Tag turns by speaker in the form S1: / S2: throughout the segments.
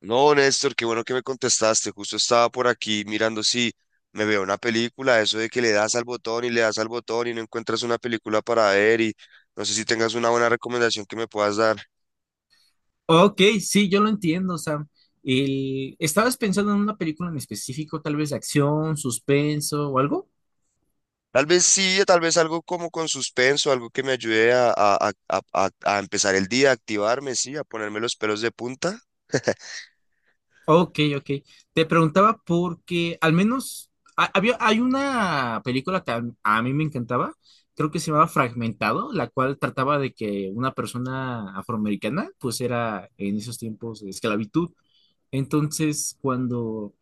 S1: No, Néstor, qué bueno que me contestaste. Justo estaba por aquí mirando si me veo una película, eso de que le das al botón y le das al botón y no encuentras una película para ver y no sé si tengas una buena recomendación que me puedas dar.
S2: Ok, sí, yo lo entiendo, Sam. El... ¿Estabas pensando en una película en específico, tal vez de acción, suspenso o algo?
S1: Tal vez sí, tal vez algo como con suspenso, algo que me ayude a empezar el día, a activarme, sí, a ponerme los pelos de punta.
S2: Ok, ok. Te preguntaba porque al menos había, hay una película que a mí me encantaba, creo que se llamaba Fragmentado, la cual trataba de que una persona afroamericana pues era en esos tiempos de esclavitud. Entonces, cuando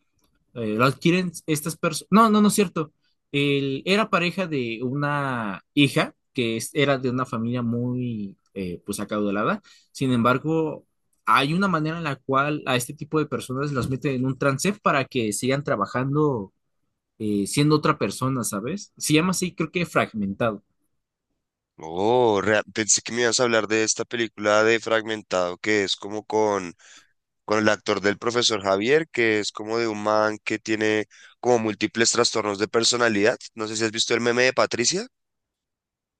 S2: lo adquieren estas personas. No, no, no es cierto. Él era pareja de una hija que era de una familia muy, pues, acaudalada. Sin embargo, hay una manera en la cual a este tipo de personas las meten en un trance para que sigan trabajando siendo otra persona, ¿sabes? Se llama así, creo que fragmentado.
S1: Oh, pensé que me ibas a hablar de esta película de Fragmentado, que es como con el actor del profesor Javier, que es como de un man que tiene como múltiples trastornos de personalidad. No sé si has visto el meme de Patricia.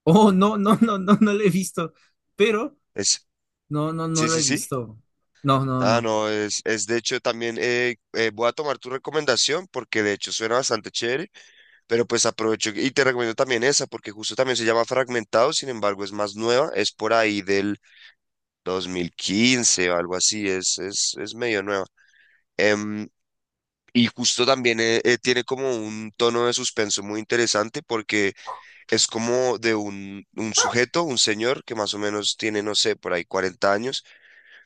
S2: Oh, no, no, no, no, no lo he visto. Pero,
S1: Es,
S2: no, no, no
S1: sí,
S2: lo
S1: sí,
S2: he
S1: sí.
S2: visto. No, no,
S1: Ah,
S2: no.
S1: no, es de hecho también voy a tomar tu recomendación porque de hecho suena bastante chévere, pero pues aprovecho y te recomiendo también esa porque justo también se llama Fragmentado, sin embargo es más nueva, es por ahí del 2015 o algo así, es medio nueva. Em, y justo también tiene como un tono de suspenso muy interesante porque es como de un sujeto, un señor que más o menos tiene, no sé, por ahí 40 años,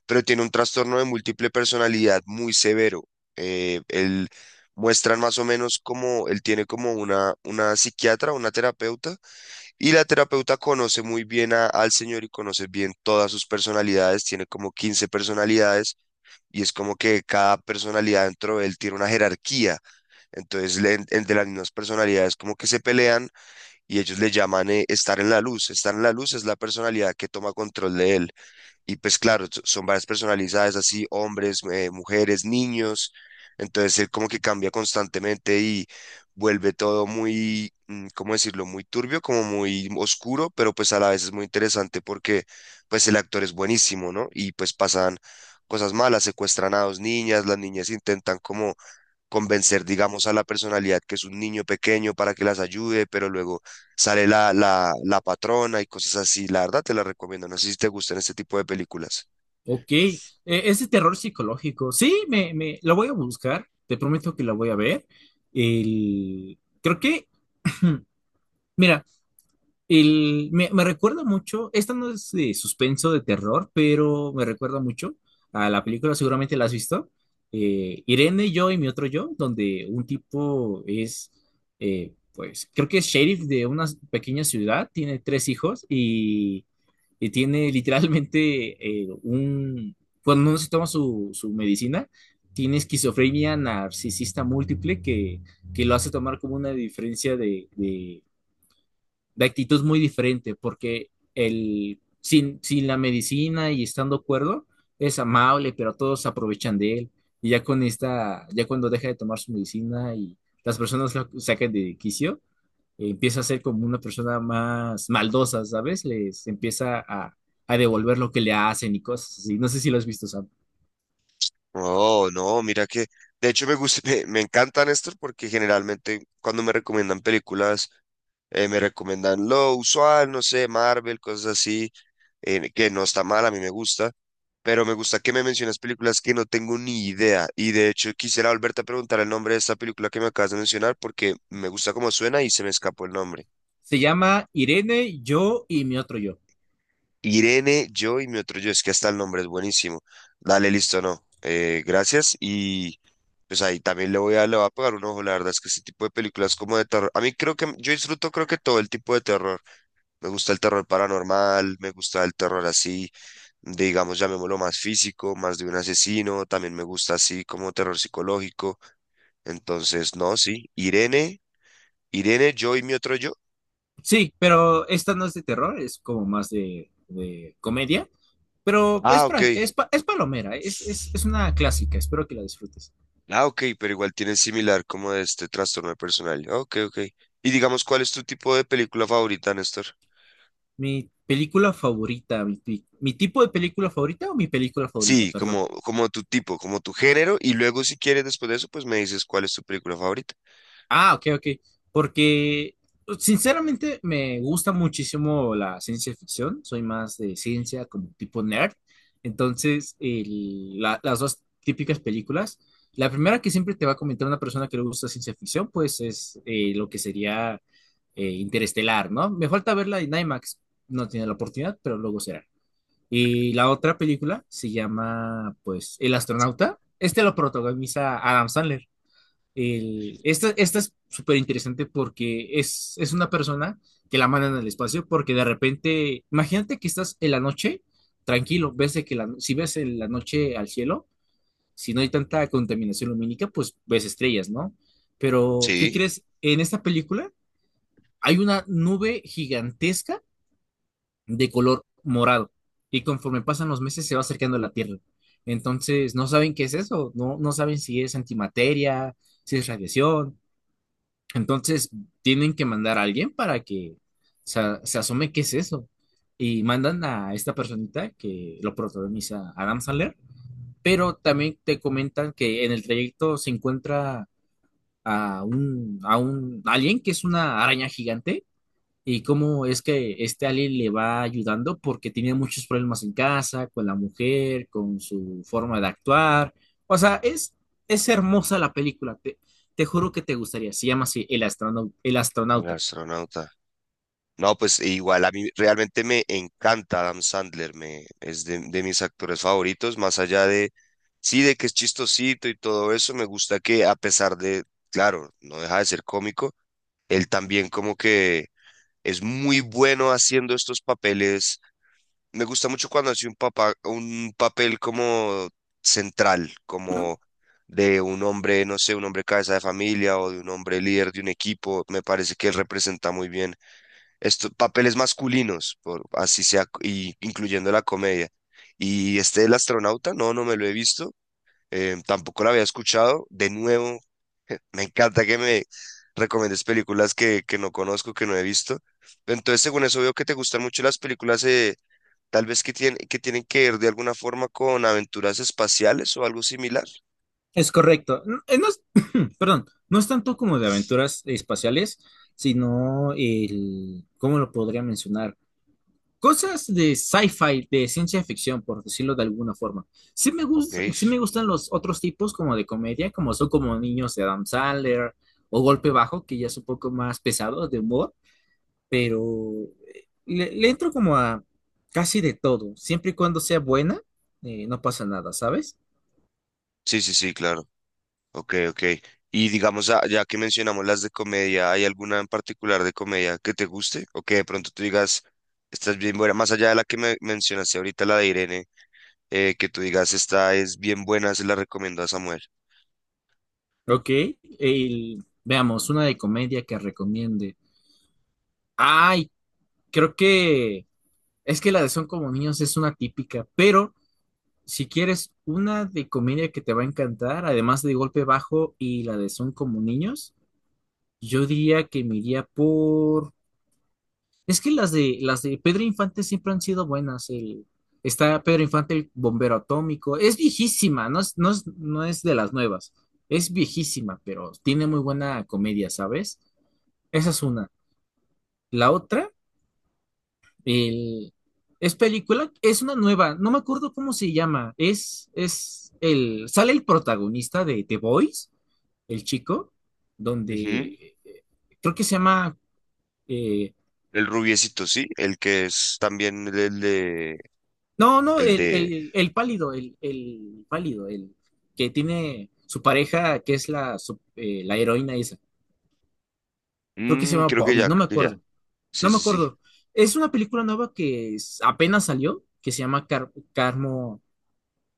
S1: pero tiene un trastorno de múltiple personalidad muy severo. Él muestran más o menos como él tiene como una psiquiatra, una terapeuta, y la terapeuta conoce muy bien al señor y conoce bien todas sus personalidades, tiene como 15 personalidades, y es como que cada personalidad dentro de él tiene una jerarquía. Entonces, entre las mismas personalidades como que se pelean y ellos le llaman estar en la luz. Estar en la luz es la personalidad que toma control de él. Y pues claro, son varias personalidades así, hombres, mujeres, niños. Entonces él como que cambia constantemente y vuelve todo muy, ¿cómo decirlo? Muy turbio, como muy oscuro, pero pues a la vez es muy interesante porque pues el actor es buenísimo, ¿no? Y pues pasan cosas malas, secuestran a dos niñas, las niñas intentan como convencer, digamos, a la personalidad que es un niño pequeño para que las ayude, pero luego sale la patrona y cosas así. La verdad te la recomiendo. No sé si te gustan este tipo de películas.
S2: Ok, es terror psicológico. Sí, me lo voy a buscar, te prometo que la voy a ver. Creo que, mira, el, me recuerda mucho, esta no es de suspenso de terror, pero me recuerda mucho a la película, seguramente la has visto, Irene, yo y mi otro yo, donde un tipo es, pues, creo que es sheriff de una pequeña ciudad, tiene tres hijos y tiene literalmente un... Cuando no se toma su medicina, tiene esquizofrenia narcisista múltiple que lo hace tomar como una diferencia de actitud muy diferente, porque el, sin la medicina y estando cuerdo, es amable, pero todos se aprovechan de él. Y ya con esta, ya cuando deja de tomar su medicina y las personas lo sacan de quicio, empieza a ser como una persona más maldosa, ¿sabes? Les empieza a devolver lo que le hacen y cosas así. No sé si lo has visto, Sam.
S1: Oh, no, mira que, de hecho me gusta, me encantan estos porque generalmente cuando me recomiendan películas, me recomiendan lo usual, no sé, Marvel, cosas así. Eh, que no está mal, a mí me gusta, pero me gusta que me menciones películas que no tengo ni idea. Y de hecho quisiera volverte a preguntar el nombre de esta película que me acabas de mencionar porque me gusta cómo suena y se me escapó el nombre.
S2: Se llama Irene, yo y mi otro yo.
S1: Irene, yo y mi otro yo, es que hasta el nombre es buenísimo. Dale, listo, no. Gracias y pues ahí también le voy a pegar un ojo, la verdad es que ese tipo de películas como de terror, a mí creo que yo disfruto creo que todo el tipo de terror. Me gusta el terror paranormal, me gusta el terror así, digamos, llamémoslo más físico, más de un asesino, también me gusta así como terror psicológico. Entonces, no, sí. Irene, yo y mi otro yo.
S2: Sí, pero esta no es de terror, es como más de comedia. Pero
S1: Ah, ok.
S2: es palomera, es una clásica, espero que la disfrutes.
S1: Ah, ok, pero igual tiene similar como de este trastorno de personalidad. Ok, ok. Y digamos, ¿cuál es tu tipo de película favorita, Néstor?
S2: Mi película favorita, mi tipo de película favorita o mi película favorita,
S1: Sí,
S2: perdón.
S1: como, como tu tipo, como tu género, y luego si quieres después de eso, pues me dices cuál es tu película favorita.
S2: Ah, ok, ok. Porque pues, sinceramente me gusta muchísimo la ciencia ficción. Soy más de ciencia como tipo nerd. Entonces, las dos típicas películas. La primera que siempre te va a comentar una persona que le gusta ciencia ficción, pues es lo que sería Interestelar, ¿no? Me falta verla en IMAX. No tiene la oportunidad, pero luego será. Y la otra película se llama, pues, El astronauta. Este lo protagoniza Adam Sandler. Esta es súper interesante porque es una persona que la mandan al espacio porque de repente, imagínate que estás en la noche, tranquilo, ves de que la, si ves en la noche al cielo, si no hay tanta contaminación lumínica, pues ves estrellas, ¿no? Pero, ¿qué
S1: Sí,
S2: crees? En esta película hay una nube gigantesca de color morado y conforme pasan los meses se va acercando a la Tierra. Entonces, no saben qué es eso, no, no saben si es antimateria, si es radiación entonces, tienen que mandar a alguien para que se asome qué es eso. Y mandan a esta personita que lo protagoniza Adam Sandler, pero también te comentan que en el trayecto se encuentra a a un alien que es una araña gigante y cómo es que este Ali le va ayudando porque tenía muchos problemas en casa, con la mujer, con su forma de actuar. O sea, es hermosa la película, te juro que te gustaría. Se llama así El astronauta, El
S1: El
S2: astronauta.
S1: astronauta. No, pues e igual a mí realmente me encanta Adam Sandler, me, es de mis actores favoritos, más allá de, sí, de que es chistosito y todo eso, me gusta que a pesar de, claro, no deja de ser cómico, él también como que es muy bueno haciendo estos papeles. Me gusta mucho cuando hace un papá, un papel como central, como de un hombre, no sé, un hombre cabeza de familia o de un hombre líder de un equipo, me parece que él representa muy bien estos papeles masculinos, por, así sea, y incluyendo la comedia. Y este El astronauta, no, no me lo he visto, tampoco lo había escuchado. De nuevo, me encanta que me recomiendes películas que no conozco, que no he visto. Entonces, según eso, veo que te gustan mucho las películas, tal vez que tienen que ver de alguna forma con aventuras espaciales o algo similar.
S2: Es correcto. No, no perdón, no es tanto como de aventuras espaciales, sino el, ¿cómo lo podría mencionar? Cosas de sci-fi, de ciencia ficción, por decirlo de alguna forma.
S1: Ok.
S2: Sí me gustan los otros tipos como de comedia, como son como Niños de Adam Sandler o Golpe Bajo, que ya es un poco más pesado de humor, pero le entro como a casi de todo. Siempre y cuando sea buena, no pasa nada, ¿sabes?
S1: Sí, sí, sí, claro. Ok, ok. Y digamos, ah, ya que mencionamos las de comedia, ¿hay alguna en particular de comedia que te guste? O que de pronto tú digas, esta es bien buena, más allá de la que me mencionaste ahorita, la de Irene, que tú digas, esta es bien buena, se la recomiendo a Samuel.
S2: Ok, veamos, una de comedia que recomiende. Ay, creo que es que la de Son como niños es una típica, pero... Si quieres una de comedia que te va a encantar, además de Golpe Bajo y la de Son como niños, yo diría que me iría por... Es que las de Pedro Infante siempre han sido buenas. El... Está Pedro Infante, el bombero atómico. Es viejísima, no es de las nuevas. Es viejísima, pero tiene muy buena comedia, ¿sabes? Esa es una. La otra El, es película, es una nueva, no me acuerdo cómo se llama. Sale el protagonista de The Boys, el chico,
S1: Ujú.
S2: donde creo que se llama, eh,
S1: El rubiecito, sí, el que es también
S2: no, no,
S1: el de,
S2: el pálido, el pálido, el que tiene su pareja, que es la heroína esa. Creo que se llama Bobby, no me
S1: creo que ya,
S2: acuerdo,
S1: sí,
S2: no me
S1: sí, sí.
S2: acuerdo. Es una película nueva que apenas salió, que se llama Car- Carmo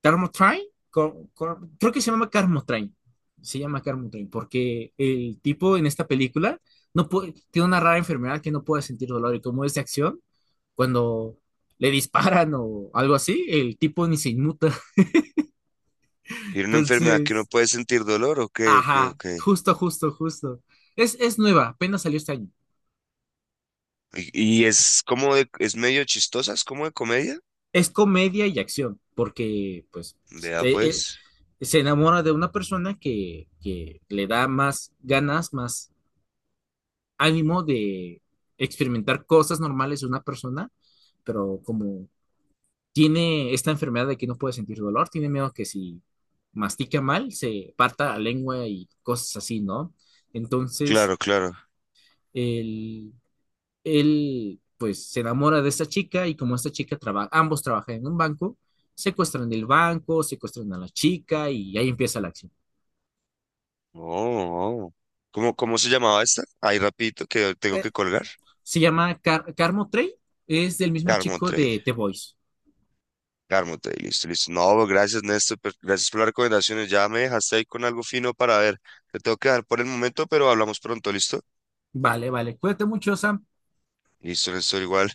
S2: Carmo Train, Cor- Cor- creo que se llama Carmo Train, se llama Carmo Train, porque el tipo en esta película no puede, tiene una rara enfermedad que no puede sentir dolor y como es de acción, cuando le disparan o algo así, el tipo ni se inmuta.
S1: Tiene una enfermedad que no
S2: Entonces,
S1: puede sentir dolor, ok, ok,
S2: ajá,
S1: ok.
S2: justo, justo, justo. Es nueva, apenas salió este año.
S1: Y es como de, es medio chistosa, es como de comedia.
S2: Es comedia y acción, porque pues
S1: Vea
S2: este,
S1: pues.
S2: se enamora de una persona que le da más ganas, más ánimo de experimentar cosas normales de una persona, pero como tiene esta enfermedad de que no puede sentir dolor, tiene miedo que si mastica mal se parta la lengua y cosas así, ¿no? Entonces,
S1: Claro, claro.
S2: él, él pues se enamora de esta chica y como esta chica trabaja, ambos trabajan en un banco, secuestran el banco, secuestran a la chica y ahí empieza la acción.
S1: Oh, oh. ¿Cómo, cómo se llamaba esta? Ahí rapidito que tengo
S2: Eh,
S1: que colgar.
S2: se llama Car Carmo Trey, es del mismo
S1: Carmo
S2: chico
S1: Trade.
S2: de The Voice.
S1: Carmo Trade, listo, listo. No, bro, gracias, Néstor. Gracias por las recomendaciones. Ya me dejaste ahí con algo fino para ver. Te tengo que dejar por el momento, pero hablamos pronto, ¿listo?
S2: Vale, vale, cuídate mucho, Sam.
S1: Listo, Néstor, igual.